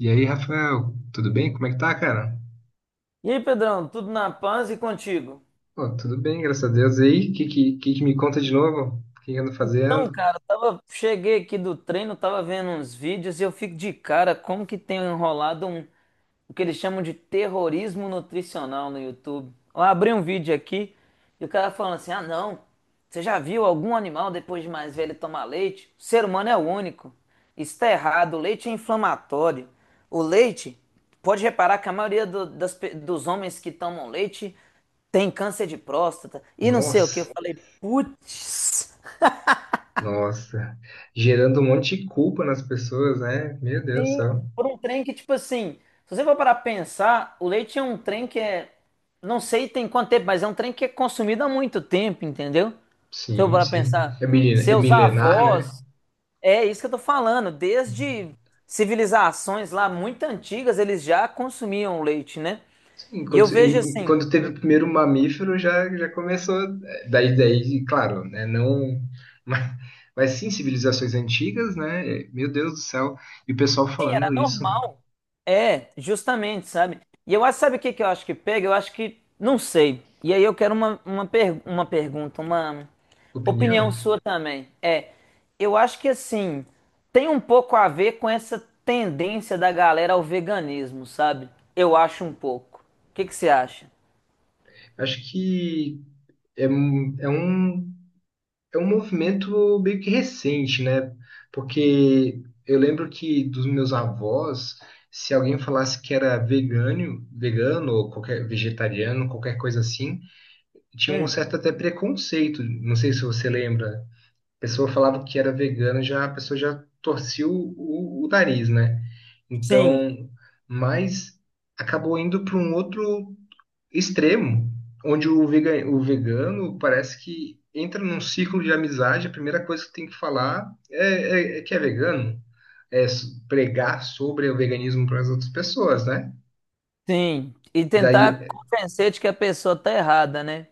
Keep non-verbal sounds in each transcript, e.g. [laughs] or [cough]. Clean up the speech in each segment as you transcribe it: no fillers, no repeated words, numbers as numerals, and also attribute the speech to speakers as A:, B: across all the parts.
A: E aí, Rafael, tudo bem? Como é que tá, cara?
B: E aí, Pedrão, tudo na paz e contigo?
A: Pô, tudo bem, graças a Deus. E aí, o que que me conta de novo? O que que ando
B: Então,
A: fazendo?
B: cara, cheguei aqui do treino, tava vendo uns vídeos e eu fico de cara como que tem enrolado O que eles chamam de terrorismo nutricional no YouTube. Eu abri um vídeo aqui e o cara falando assim: ah, não, você já viu algum animal depois de mais velho tomar leite? O ser humano é o único. Isso está errado, o leite é inflamatório. O leite, pode reparar que a maioria dos homens que tomam leite tem câncer de próstata e não sei o que. Eu
A: Nossa,
B: falei, putz.
A: nossa. Gerando um monte de culpa nas pessoas, né? Meu Deus do
B: Sim,
A: céu.
B: por um trem que, tipo assim, se você for parar pra pensar, o leite é um trem que é. Não sei tem quanto tempo, mas é um trem que é consumido há muito tempo, entendeu? Se eu
A: Sim,
B: parar pra
A: sim.
B: pensar,
A: É
B: seus
A: milenar, né?
B: avós, é isso que eu tô falando, desde civilizações lá muito antigas, eles já consumiam leite, né?
A: Sim,
B: E eu vejo assim,
A: quando teve o primeiro mamífero, já começou. Daí, claro, né? Não. Mas, mas sim, civilizações antigas, né? Meu Deus do céu. E o pessoal
B: era
A: falando isso.
B: normal. É, justamente, sabe? E eu acho, sabe o que que eu acho que pega? Eu acho que, não sei. E aí eu quero uma pergunta, uma opinião
A: Opinião?
B: sua também. É, eu acho que assim, tem um pouco a ver com essa tendência da galera ao veganismo, sabe? Eu acho um pouco. O que que você acha?
A: Acho que é um é um movimento meio que recente, né? Porque eu lembro que dos meus avós, se alguém falasse que era vegano, vegano ou qualquer vegetariano, qualquer coisa assim, tinha um
B: Hum,
A: certo até preconceito. Não sei se você lembra. A pessoa falava que era vegano, já a pessoa já torcia o nariz, né?
B: sim,
A: Então, mas acabou indo para um outro extremo, onde o vegano parece que entra num ciclo de amizade, a primeira coisa que tem que falar é que é vegano, é pregar sobre o veganismo para as outras pessoas, né?
B: sim. E
A: Daí,
B: tentar convencer de que a pessoa tá errada, né?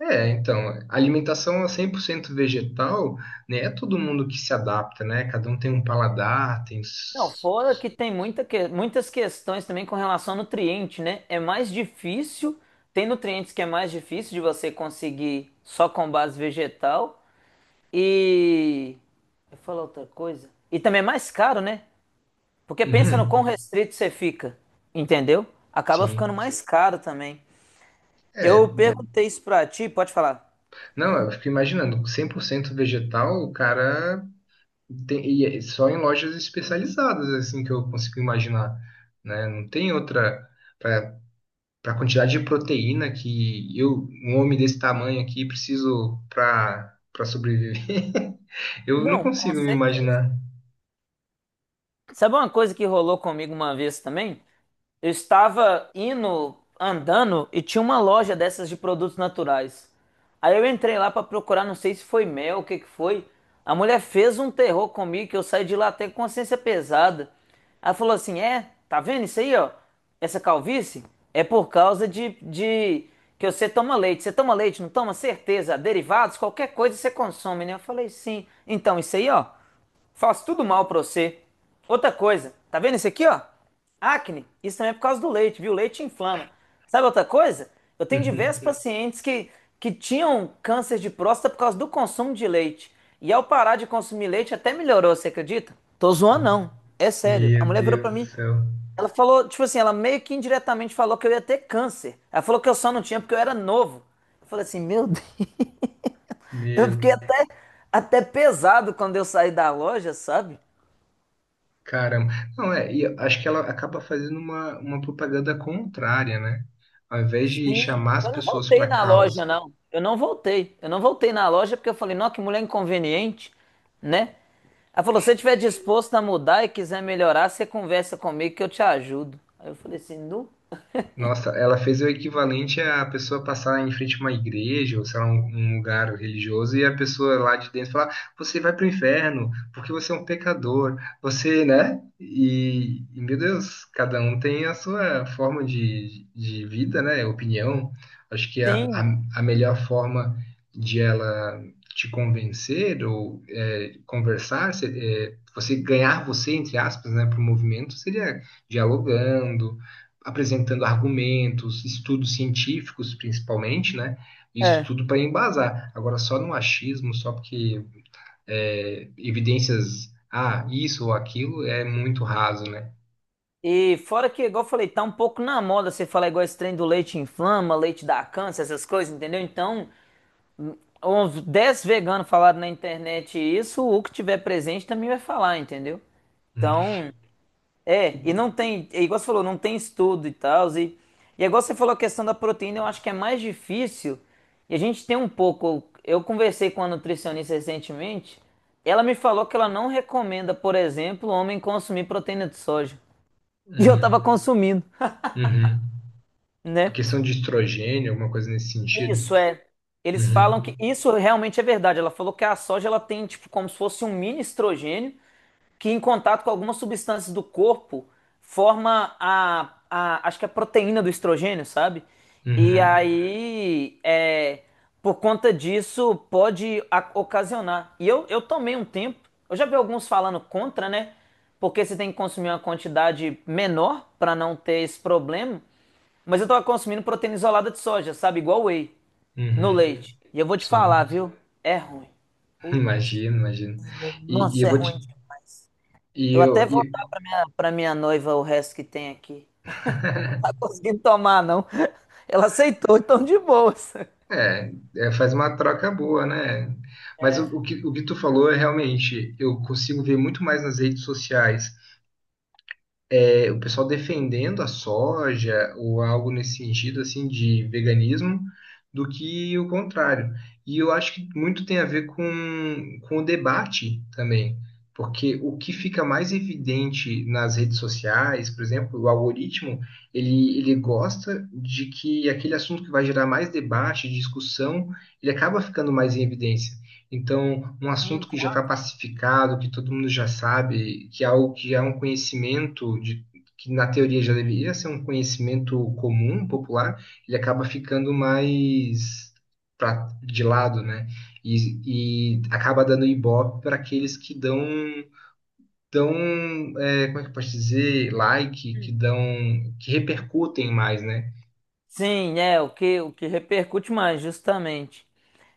A: então, a alimentação 100% vegetal, né? É todo mundo que se adapta, né? Cada um tem um paladar, tem...
B: Não,
A: s-
B: fora que tem muitas questões também com relação ao nutriente, né? É mais difícil, tem nutrientes que é mais difícil de você conseguir só com base vegetal. E. Eu falo outra coisa. E também é mais caro, né? Porque
A: Uhum,
B: pensa no quão restrito você fica, entendeu? Acaba
A: sim.
B: ficando mais caro também. Eu
A: É,
B: perguntei isso pra ti, pode falar.
A: não, eu fico imaginando, 100% vegetal, o cara E é só em lojas especializadas, assim, que eu consigo imaginar, né? Não tem outra. Para a quantidade de proteína que eu, um homem desse tamanho aqui, preciso para sobreviver. [laughs] Eu não
B: Não, com
A: consigo me
B: certeza.
A: imaginar.
B: Sabe uma coisa que rolou comigo uma vez também? Eu estava indo, andando e tinha uma loja dessas de produtos naturais. Aí eu entrei lá pra procurar, não sei se foi mel, o que que foi. A mulher fez um terror comigo que eu saí de lá até com consciência pesada. Ela falou assim: é, tá vendo isso aí, ó? Essa calvície é por causa de que você toma leite. Você toma leite, não toma? Certeza. Derivados, qualquer coisa você consome, né? Eu falei: sim. Então, isso aí, ó, faz tudo mal pra você. Outra coisa, tá vendo isso aqui, ó? Acne, isso também é por causa do leite, viu? O leite inflama. Sabe outra coisa? Eu tenho diversos
A: [laughs]
B: pacientes que tinham câncer de próstata por causa do consumo de leite. E ao parar de consumir leite, até melhorou, você acredita? Tô zoando, não. É sério. A
A: Meu
B: mulher virou pra
A: Deus do
B: mim,
A: céu.
B: ela falou, tipo assim, ela meio que indiretamente falou que eu ia ter câncer. Ela falou que eu só não tinha porque eu era novo. Eu falei assim, meu Deus. [laughs] Eu
A: Meu,
B: fiquei até pesado quando eu saí da loja, sabe?
A: caramba. Não, é, e eu acho que ela acaba fazendo uma propaganda contrária, né? Ao invés de
B: Sim,
A: chamar as
B: eu não
A: pessoas
B: voltei
A: para
B: na
A: causa,
B: loja, não. Eu não voltei. Eu não voltei na loja porque eu falei, nossa, que mulher inconveniente, né? Ela falou, se você estiver disposto a mudar e quiser melhorar, você conversa comigo que eu te ajudo. Aí eu falei assim, não?
A: nossa, ela fez o equivalente a pessoa passar em frente a uma igreja, ou sei lá, um lugar religioso, e a pessoa lá de dentro falar: você vai para o inferno, porque você é um pecador, você, né? E meu Deus, cada um tem a sua forma de vida, né? Opinião. Acho que
B: Sim,
A: a melhor forma de ela te convencer conversar, você ganhar você, entre aspas, né, para o movimento, seria dialogando, apresentando argumentos, estudos científicos principalmente, né? Isso
B: é.
A: tudo para embasar. Agora, só no achismo, só porque evidências, ah, isso ou aquilo, é muito raso, né?
B: E fora que, igual eu falei, tá um pouco na moda você falar igual esse trem do leite inflama, leite dá câncer, essas coisas, entendeu? Então, uns 10 veganos falaram na internet isso, o que tiver presente também vai falar, entendeu?
A: Hum,
B: Então, é, e não tem, é igual você falou, não tem estudo e tal, e é igual você falou a questão da proteína, eu acho que é mais difícil, e a gente tem um pouco, eu conversei com a nutricionista recentemente, ela me falou que ela não recomenda, por exemplo, o homem consumir proteína de soja, [laughs] e eu tava
A: hum,
B: consumindo,
A: uhum.
B: né?
A: Questão de estrogênio, alguma coisa nesse sentido?
B: Isso é, eles
A: Uhum,
B: falam que, isso realmente é verdade, ela falou que a soja, ela tem, tipo, como se fosse um mini estrogênio, que em contato com algumas substâncias do corpo forma a acho que a proteína do estrogênio, sabe? E
A: uhum,
B: aí, é, por conta disso, pode ocasionar. E eu tomei um tempo, eu já vi alguns falando contra, né? Porque você tem que consumir uma quantidade menor para não ter esse problema. Mas eu tava consumindo proteína isolada de soja, sabe? Igual whey, no
A: uhum.
B: leite. E eu vou te falar,
A: Sim,
B: viu? É ruim.
A: [laughs]
B: Putz,
A: imagino, imagino. E eu
B: nossa, é
A: vou te.
B: ruim demais.
A: E
B: Eu
A: eu,
B: até vou
A: e-
B: dar pra minha noiva o resto que tem aqui. [laughs] Não
A: [laughs]
B: tá conseguindo tomar, não. Ela aceitou, então de boas.
A: É, é, faz uma troca boa, né? Mas o que tu falou é realmente, eu consigo ver muito mais nas redes sociais, o pessoal defendendo a soja ou algo nesse sentido assim de veganismo do que o contrário. E eu acho que muito tem a ver com o debate também, porque o que fica mais evidente nas redes sociais, por exemplo, o algoritmo, ele gosta de que aquele assunto que vai gerar mais debate, discussão, ele acaba ficando mais em evidência. Então, um
B: Sim,
A: assunto que
B: com
A: já está
B: razão.
A: pacificado, que todo mundo já sabe, que é algo que é um conhecimento de, que na teoria já deveria ser um conhecimento comum, popular, ele acaba ficando mais pra, de lado, né? E acaba dando ibope para aqueles que dão como é que eu posso dizer, like, que dão, que repercutem mais, né?
B: Sim, é, o que repercute mais, justamente.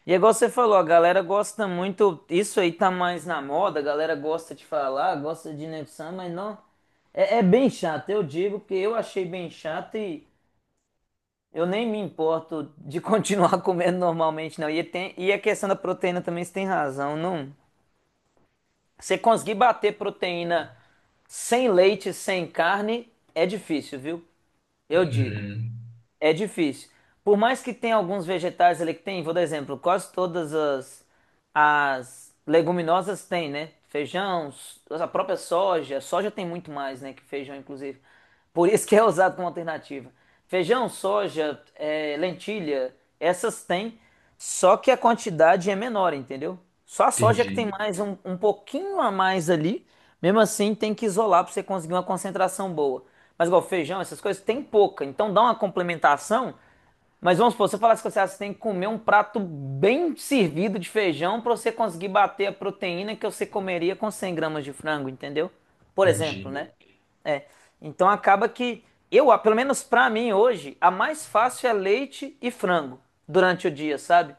B: E é igual você falou, a galera gosta muito, isso aí tá mais na moda, a galera gosta de falar, gosta de Nefsan, mas não, é bem chato, eu digo, porque eu achei bem chato e eu nem me importo de continuar [laughs] comendo normalmente, não. E, tem, e a questão da proteína também, você tem razão, não, você conseguir bater proteína sem leite, sem carne, é difícil, viu? Eu digo.
A: Uhum.
B: É difícil. Por mais que tenha alguns vegetais ali que tem, vou dar exemplo, quase todas as leguminosas têm, né? Feijão, a própria soja, soja tem muito mais, né, que feijão, inclusive. Por isso que é usado como alternativa. Feijão, soja, lentilha, essas têm, só que a quantidade é menor, entendeu? Só a soja que
A: Entendi,
B: tem mais um pouquinho a mais ali, mesmo assim tem que isolar para você conseguir uma concentração boa. Mas igual feijão, essas coisas, tem pouca. Então dá uma complementação. Mas vamos supor, se eu falasse que você tem que comer um prato bem servido de feijão para você conseguir bater a proteína que você comeria com 100 gramas de frango, entendeu? Por exemplo,
A: entendi.
B: né? É. Então acaba que pelo menos pra mim hoje, a mais fácil é leite e frango durante o dia, sabe?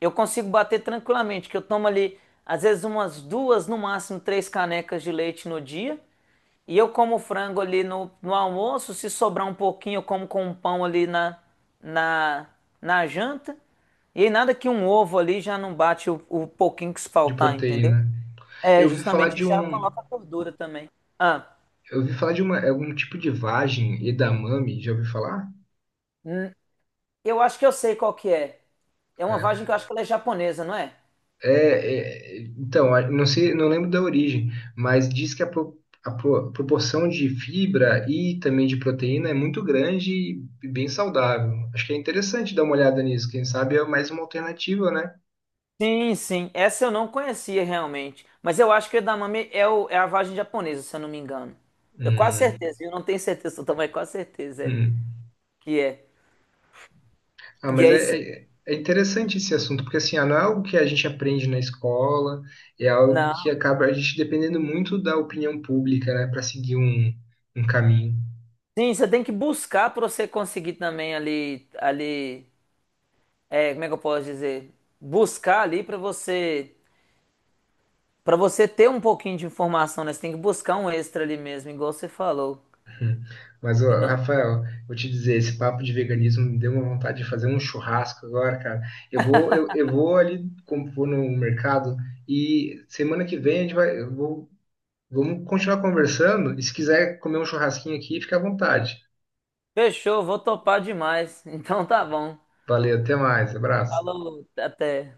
B: Eu consigo bater tranquilamente, que eu tomo ali às vezes umas duas, no máximo três canecas de leite no dia. E eu como frango ali no almoço, se sobrar um pouquinho, eu como com um pão ali na, na janta. E aí nada que um ovo ali já não bate o pouquinho que se
A: De
B: faltar, entendeu?
A: proteína.
B: É,
A: Eu ouvi falar
B: justamente
A: de
B: já
A: um,
B: coloca gordura também. Ah,
A: Eu ouvi falar de uma, algum tipo de vagem, edamame, já ouviu falar?
B: eu acho que eu sei qual que é. É uma vagem
A: É,
B: que eu acho que ela é japonesa, não é?
A: então, não sei, não lembro da origem, mas diz que a proporção de fibra e também de proteína é muito grande e bem saudável. Acho que é interessante dar uma olhada nisso. Quem sabe é mais uma alternativa, né?
B: Sim, sim. Essa eu não conhecia realmente. Mas eu acho que o edamame é a vagem japonesa, se eu não me engano. Eu quase
A: Hum,
B: certeza, eu não tenho certeza [laughs] total, mas quase certeza é
A: hum.
B: que é.
A: Ah,
B: E
A: mas
B: é isso.
A: é interessante esse assunto, porque assim, ah, não é algo que a gente aprende na escola, é algo que
B: Não.
A: acaba a gente dependendo muito da opinião pública, né, para seguir um caminho. [laughs]
B: Sim, você tem que buscar para você conseguir também ali, é, como é que eu posso dizer? Buscar ali para você ter um pouquinho de informação, né? Você tem que buscar um extra ali mesmo, igual você falou.
A: Hum. Mas,
B: Se
A: ó,
B: não,
A: Rafael, vou te dizer, esse papo de veganismo me deu uma vontade de fazer um churrasco agora, cara. Eu vou ali, como vou no mercado, e semana que vem a gente vai, eu vou, vamos continuar conversando, e se quiser comer um churrasquinho aqui, fica à vontade.
B: fechou, vou topar demais. [laughs] Então tá bom.
A: Valeu, até mais, abraço.
B: Falou, até.